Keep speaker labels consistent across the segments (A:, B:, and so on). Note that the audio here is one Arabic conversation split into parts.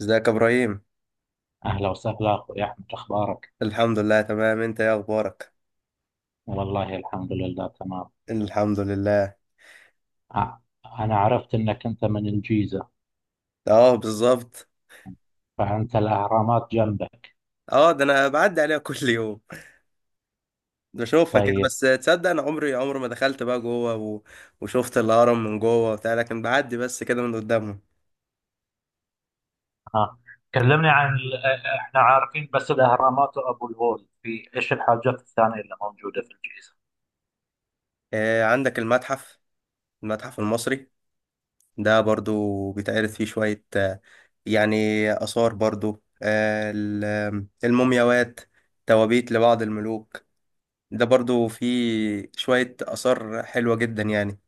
A: ازيك يا ابراهيم؟
B: أهلا وسهلا أخوي أحمد، أخبارك؟
A: الحمد لله تمام. انت ايه اخبارك؟
B: والله الحمد لله تمام.
A: الحمد لله.
B: أ- أنا عرفت أنك أنت من الجيزة،
A: اه، بالظبط.
B: فأنت الأهرامات جنبك.
A: اه، ده انا بعدي عليها كل يوم بشوفها كده،
B: طيب.
A: بس تصدق انا عمري عمري ما دخلت بقى جوه وشفت الهرم من جوه وبتاع، لكن بعدي بس كده من قدامهم.
B: ها، كلمني عن إحنا عارفين بس الأهرامات وأبو الهول، في إيش الحاجات الثانية اللي موجودة في الجيزة؟
A: آه، عندك المتحف، المتحف المصري. ده برضو بيتعرض فيه شوية يعني آثار برضو، المومياوات، توابيت لبعض الملوك. ده برضو فيه شوية آثار حلوة جدا يعني.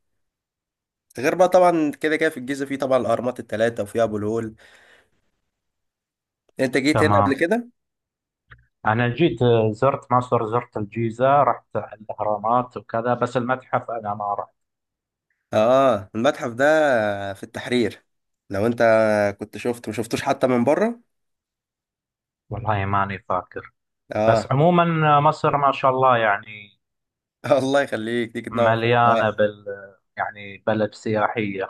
A: غير بقى طبعا كده كده، في الجيزة في طبعا الأهرامات التلاتة، وفي أبو الهول. أنت جيت هنا قبل
B: تمام.
A: كده؟
B: أنا جيت زرت مصر، زرت الجيزة، رحت الأهرامات وكذا، بس المتحف أنا ما رحت.
A: آه، المتحف ده في التحرير. لو أنت كنت شفته ما شفتوش حتى من بره.
B: والله ماني فاكر.
A: آه.
B: بس عموما مصر ما شاء الله يعني
A: الله يخليك، تيجي تنور في الحوار.
B: مليانة بال، يعني بلد سياحية.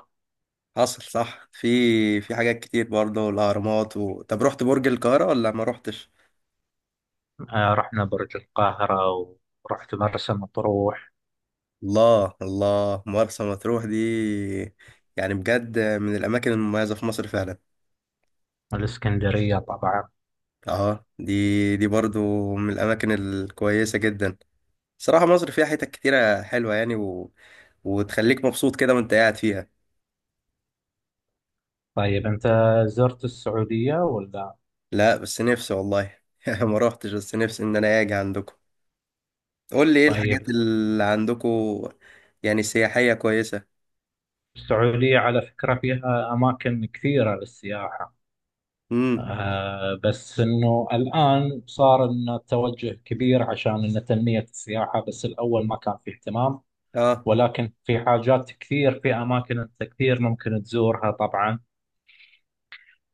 A: حصل، صح. في حاجات كتير برضه، الأهرامات طب رحت برج القاهرة ولا ما رحتش؟
B: رحنا برج القاهرة ورحت مرسى مطروح
A: الله الله، مرسى مطروح دي يعني بجد من الأماكن المميزة في مصر فعلا.
B: والإسكندرية طبعا.
A: آه، دي برضه من الأماكن الكويسة جدا. صراحة مصر فيها حتت كتيرة حلوة يعني وتخليك مبسوط كده وانت قاعد فيها.
B: طيب، أنت زرت السعودية ولا؟
A: لا، بس نفسي والله ما روحتش، بس نفسي ان انا اجي عندكم. قول لي ايه الحاجات
B: طيب.
A: اللي عندكم يعني سياحية كويسة.
B: السعودية على فكرة فيها أماكن كثيرة للسياحة.
A: امم.
B: آه، بس إنه الآن صار إنه توجه كبير عشان إنه تنمية السياحة، بس الأول ما كان في اهتمام.
A: اه.
B: ولكن في حاجات كثير، في أماكن أنت كثير ممكن تزورها طبعا.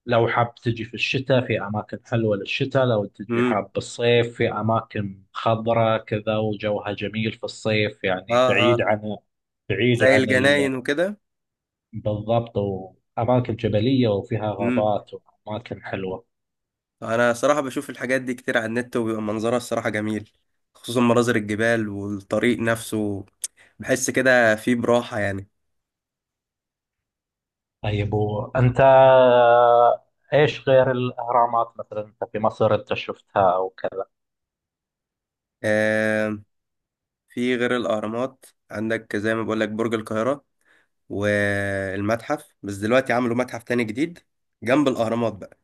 B: لو حاب تجي في الشتاء، في أماكن حلوة للشتاء، لو تجي
A: امم.
B: حاب بالصيف، في أماكن خضرة كذا وجوها جميل في الصيف، يعني
A: اه اه.
B: بعيد عن، بعيد
A: زي
B: عن
A: الجناين وكده.
B: بالضبط، وأماكن جبلية وفيها
A: امم.
B: غابات وأماكن حلوة.
A: انا صراحة بشوف الحاجات دي كتير على النت، وبيبقى منظرها الصراحة جميل، خصوصا مناظر الجبال والطريق نفسه. بحس كده فيه براحة يعني.
B: طيب وأنت إيش غير الأهرامات مثلا، أنت في مصر أنت شفتها أو كذا؟
A: آه، في غير الأهرامات عندك زي ما بقول لك برج القاهرة والمتحف، بس دلوقتي عملوا متحف تاني جديد جنب الأهرامات بقى.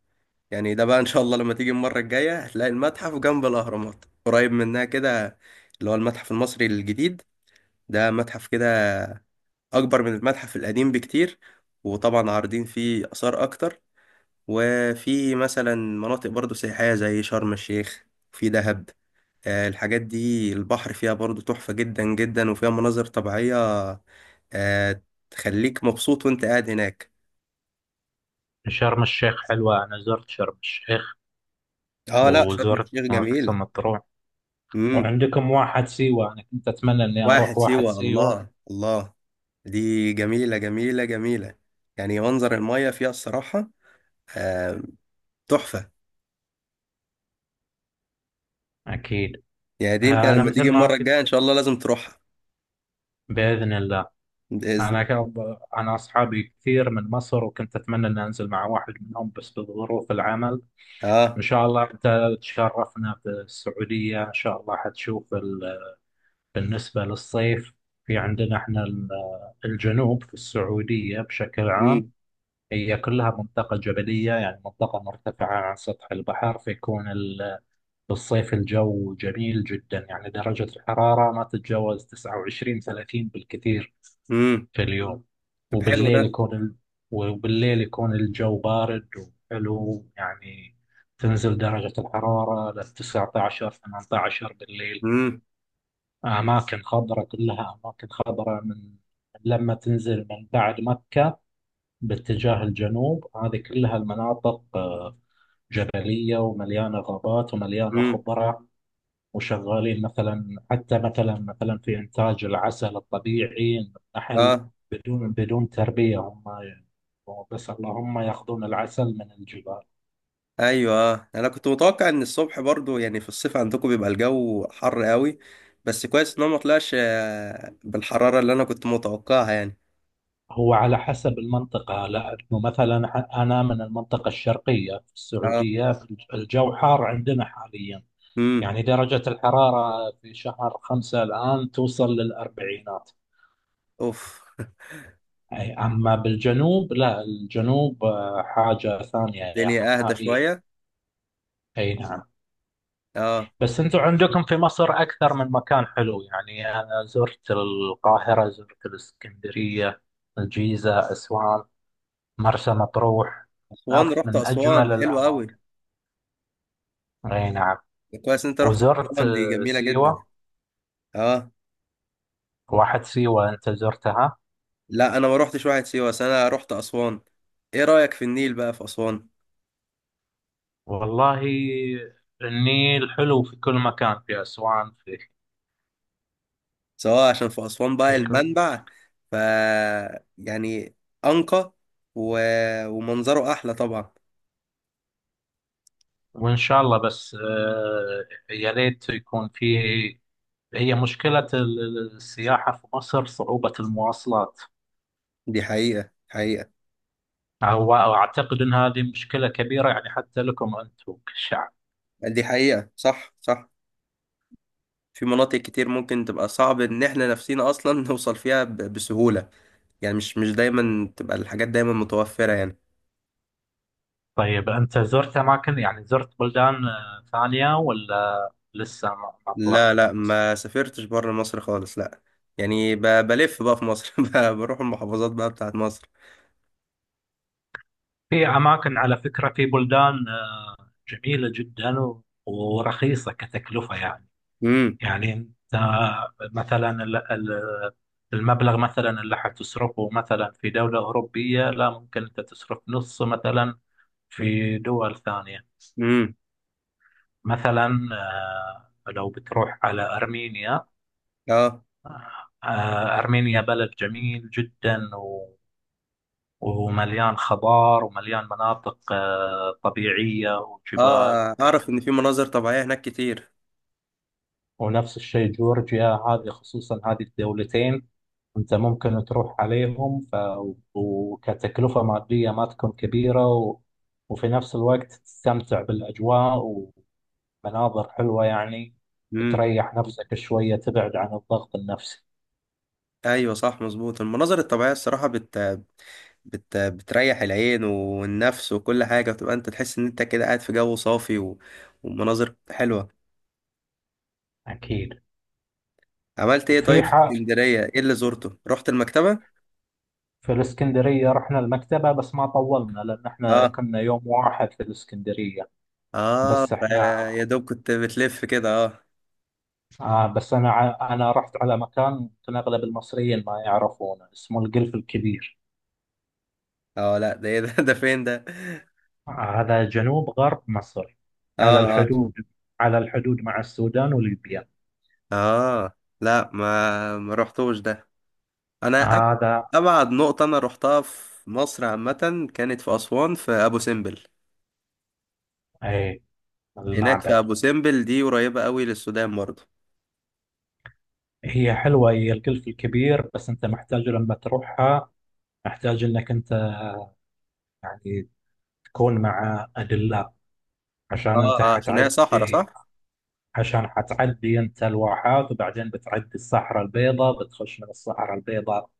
A: يعني ده بقى إن شاء الله لما تيجي المرة الجاية هتلاقي المتحف جنب الأهرامات قريب منها كده، اللي هو المتحف المصري الجديد. ده متحف كده أكبر من المتحف القديم بكتير، وطبعا عارضين فيه آثار أكتر. وفي مثلا مناطق برضو سياحية زي شرم الشيخ، في دهب. الحاجات دي البحر فيها برضو تحفة جدا جدا، وفيها مناظر طبيعية. آه. تخليك مبسوط وانت قاعد هناك.
B: شرم الشيخ حلوة، أنا زرت شرم الشيخ
A: اه لا، شرم
B: وزرت
A: الشيخ
B: مرسى
A: جميلة.
B: مطروح،
A: امم.
B: وعندكم واحد سيوة، أنا كنت أتمنى إني
A: واحد
B: أروح واحد
A: سيوة،
B: سيوة.
A: الله الله، دي جميلة جميلة جميلة، يعني منظر المية فيها الصراحة، آه، تحفة.
B: أكيد.
A: يعني دي انت
B: أنا
A: لما
B: مثل
A: تيجي
B: ما
A: المرة الجاية
B: قلت
A: ان
B: لك،
A: شاء الله لازم تروحها.
B: بإذن الله.
A: بإذن.
B: أنا أصحابي كثير من مصر وكنت أتمنى إني أنزل مع واحد منهم، بس بظروف العمل. إن
A: اه.
B: شاء الله أنت تشرفنا في السعودية، إن شاء الله حتشوف بالنسبة للصيف، في عندنا إحنا الجنوب في السعودية بشكل عام
A: امم.
B: هي كلها منطقة جبلية، يعني منطقة مرتفعة عن سطح البحر، فيكون بالصيف الجو جميل جدا، يعني درجة الحرارة ما تتجاوز 29 30 بالكثير
A: امم.
B: في اليوم.
A: طب حلو
B: وبالليل
A: ده.
B: يكون ال... وبالليل يكون الجو بارد وحلو يعني، تنزل درجة الحرارة لل 19 18 بالليل.
A: امم.
B: أماكن خضراء، كلها أماكن خضراء. من لما تنزل من بعد مكة باتجاه الجنوب، هذه كلها المناطق جبلية ومليانة غابات ومليانة
A: امم.
B: خضرة. وشغالين مثلا، حتى مثلا في إنتاج العسل الطبيعي، النحل،
A: اه.
B: بدون تربية. هم بس اللهم يأخذون العسل من الجبال.
A: ايوه، آه. انا كنت متوقع ان الصبح برضو يعني في الصيف عندكم بيبقى الجو حر قوي، بس كويس ان هو ما طلعش بالحراره اللي انا كنت متوقعها يعني.
B: هو على حسب المنطقة، لأنه مثلا أنا من المنطقة الشرقية في
A: اه.
B: السعودية، الجو حار عندنا حاليا،
A: امم.
B: يعني درجة الحرارة في شهر خمسة الآن توصل للأربعينات.
A: اوف.
B: أي. أما بالجنوب لا، الجنوب حاجة ثانية يعني
A: الدنيا اهدى
B: نهائيا.
A: شويه.
B: أي نعم.
A: اه.
B: بس انتم عندكم في مصر اكثر من مكان حلو، يعني انا زرت القاهرة، زرت الاسكندرية، الجيزة، اسوان، مرسى مطروح.
A: اسوان، رحت
B: من
A: اسوان؟
B: اجمل
A: حلوه قوي،
B: الاماكن، اي نعم.
A: كويس ان انت رحت.
B: وزرت
A: اسوان دي جميله جدا.
B: سيوة.
A: اه،
B: واحد سيوة انت زرتها؟
A: لا انا ما رحتش واحد سيوه، بس انا رحت اسوان. ايه رايك في النيل بقى في اسوان؟
B: والله النيل حلو في كل مكان، في اسوان، في
A: سواء عشان في أسوان بقى
B: في كل،
A: المنبع، ف يعني أنقى و... ومنظره أحلى طبعا.
B: وان شاء الله بس يا ليت يكون في، هي مشكلة السياحة في مصر صعوبة المواصلات.
A: دي حقيقة حقيقة.
B: هو أعتقد أن هذه مشكلة كبيرة يعني، حتى لكم أنتم كشعب.
A: دي حقيقة، صح صح. في مناطق كتير ممكن تبقى صعب إن إحنا نفسينا أصلا نوصل فيها بسهولة. يعني مش دايما تبقى الحاجات دايما متوفرة يعني.
B: طيب أنت زرت أماكن، يعني زرت بلدان ثانية ولا لسه ما طلعت
A: لا
B: من
A: لا،
B: مصر؟
A: ما سافرتش بره مصر خالص، لا. يعني بلف بقى في مصر، بروح المحافظات بقى بتاعت مصر.
B: في أماكن على فكرة، في بلدان جميلة جدا ورخيصة كتكلفة يعني.
A: امم.
B: يعني أنت مثلا المبلغ مثلا اللي حتصرفه مثلا في دولة أوروبية، لا ممكن أنت تصرف نص مثلا في دول ثانية.
A: امم.
B: مثلا آه، لو بتروح على أرمينيا،
A: اه
B: آه، أرمينيا بلد جميل جدا ومليان خضار ومليان مناطق طبيعية وجبال
A: اه. اعرف
B: وكذا.
A: ان في مناظر طبيعية هناك كتير.
B: ونفس الشيء جورجيا، هذه الدولتين أنت ممكن تروح عليهم وكتكلفة مادية ما تكون كبيرة وفي نفس الوقت تستمتع بالأجواء، مناظر حلوة يعني،
A: امم.
B: تريح نفسك شوية، تبعد عن الضغط النفسي.
A: ايوه، صح، مظبوط. المناظر الطبيعيه الصراحه بتريح العين والنفس وكل حاجه، بتبقى انت تحس ان انت كده قاعد في جو صافي ومناظر حلوه.
B: أكيد.
A: عملت ايه
B: في
A: طيب في
B: حق،
A: اسكندريه؟ ايه اللي زرته؟ رحت المكتبه؟
B: في الإسكندرية رحنا المكتبة بس ما طولنا، لأن إحنا
A: اه
B: كنا يوم واحد في الإسكندرية.
A: اه،
B: بس إحنا،
A: يا دوب كنت بتلف كده، اه.
B: آه، بس أنا رحت على مكان يمكن أغلب المصريين ما يعرفونه، اسمه القلف الكبير.
A: اه لا، ده ايه ده؟ ده فين ده؟
B: آه هذا جنوب غرب مصر، على
A: اه اه.
B: الحدود، على الحدود مع السودان وليبيا.
A: اه لا، ما رحتوش ده. انا أب-
B: هذا
A: ابعد نقطه انا رحتها في مصر عامه كانت في اسوان، في ابو سمبل.
B: إيه؟
A: هناك في
B: المعبد.
A: ابو سمبل، دي قريبه قوي للسودان برضه.
B: هي حلوة، هي القلف الكبير، بس أنت محتاج لما تروحها محتاج إنك أنت يعني تكون مع أدلة، عشان
A: اه
B: أنت
A: اه، عشان هي
B: حتعدي،
A: صحراء، صح.
B: عشان حتعدي أنت الواحات وبعدين بتعدي الصحراء البيضاء، بتخش من الصحراء البيضاء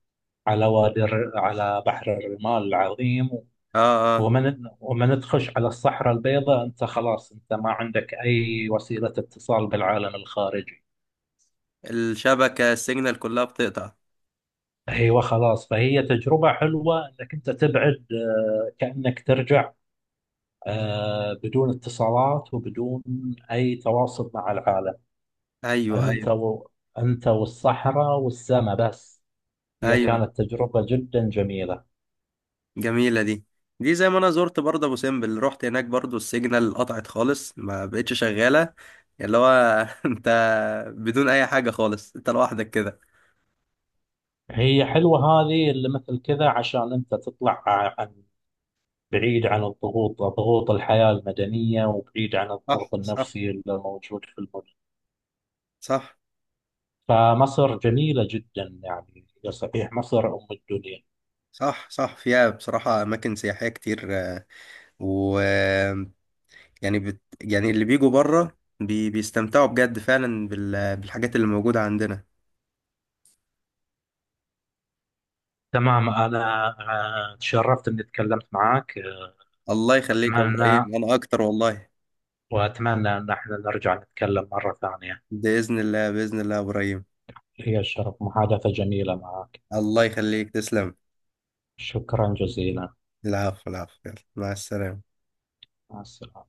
B: على على بحر الرمال العظيم.
A: اه اه،
B: ومن تخش على الصحراء البيضاء أنت خلاص، أنت ما عندك أي وسيلة اتصال بالعالم الخارجي.
A: الشبكه، السيجنال كلها بتقطع.
B: أيوة خلاص. فهي تجربة حلوة إنك أنت تبعد، آه، كأنك ترجع بدون اتصالات وبدون أي تواصل مع العالم.
A: ايوه
B: أنت
A: ايوه.
B: و... أنت والصحراء والسماء بس. هي
A: ايوه
B: كانت تجربة جدا جميلة.
A: جميله دي. دي زي ما انا زرت برضه ابو سمبل، رحت هناك، برضه السيجنال قطعت خالص، ما بقتش شغاله، اللي هو انت بدون اي حاجه خالص، انت لوحدك كده.
B: هي حلوة هذه، اللي مثل كذا عشان أنت تطلع عن، بعيد عن الضغوط، ضغوط الحياة المدنية، وبعيد عن
A: صح
B: الضغط
A: صح.
B: النفسي اللي موجود في المدن.
A: صح.
B: فمصر جميلة جدا يعني، هي صحيح مصر أم الدنيا.
A: صح صح، فيها بصراحة أماكن سياحية كتير، و يعني يعني اللي بيجوا بره بيستمتعوا بجد فعلا بالحاجات اللي موجودة عندنا.
B: تمام. أنا آه، تشرفت إني تكلمت معك.
A: الله يخليك يا
B: أتمنى،
A: ابراهيم، انا اكتر والله.
B: وأتمنى أن احنا نرجع نتكلم مرة ثانية.
A: بإذن الله، بإذن الله يا ابراهيم.
B: هي الشرف، محادثة جميلة معك.
A: الله يخليك، تسلم.
B: شكرا جزيلا.
A: العفو، العفو، يلا مع السلامة.
B: مع السلامة.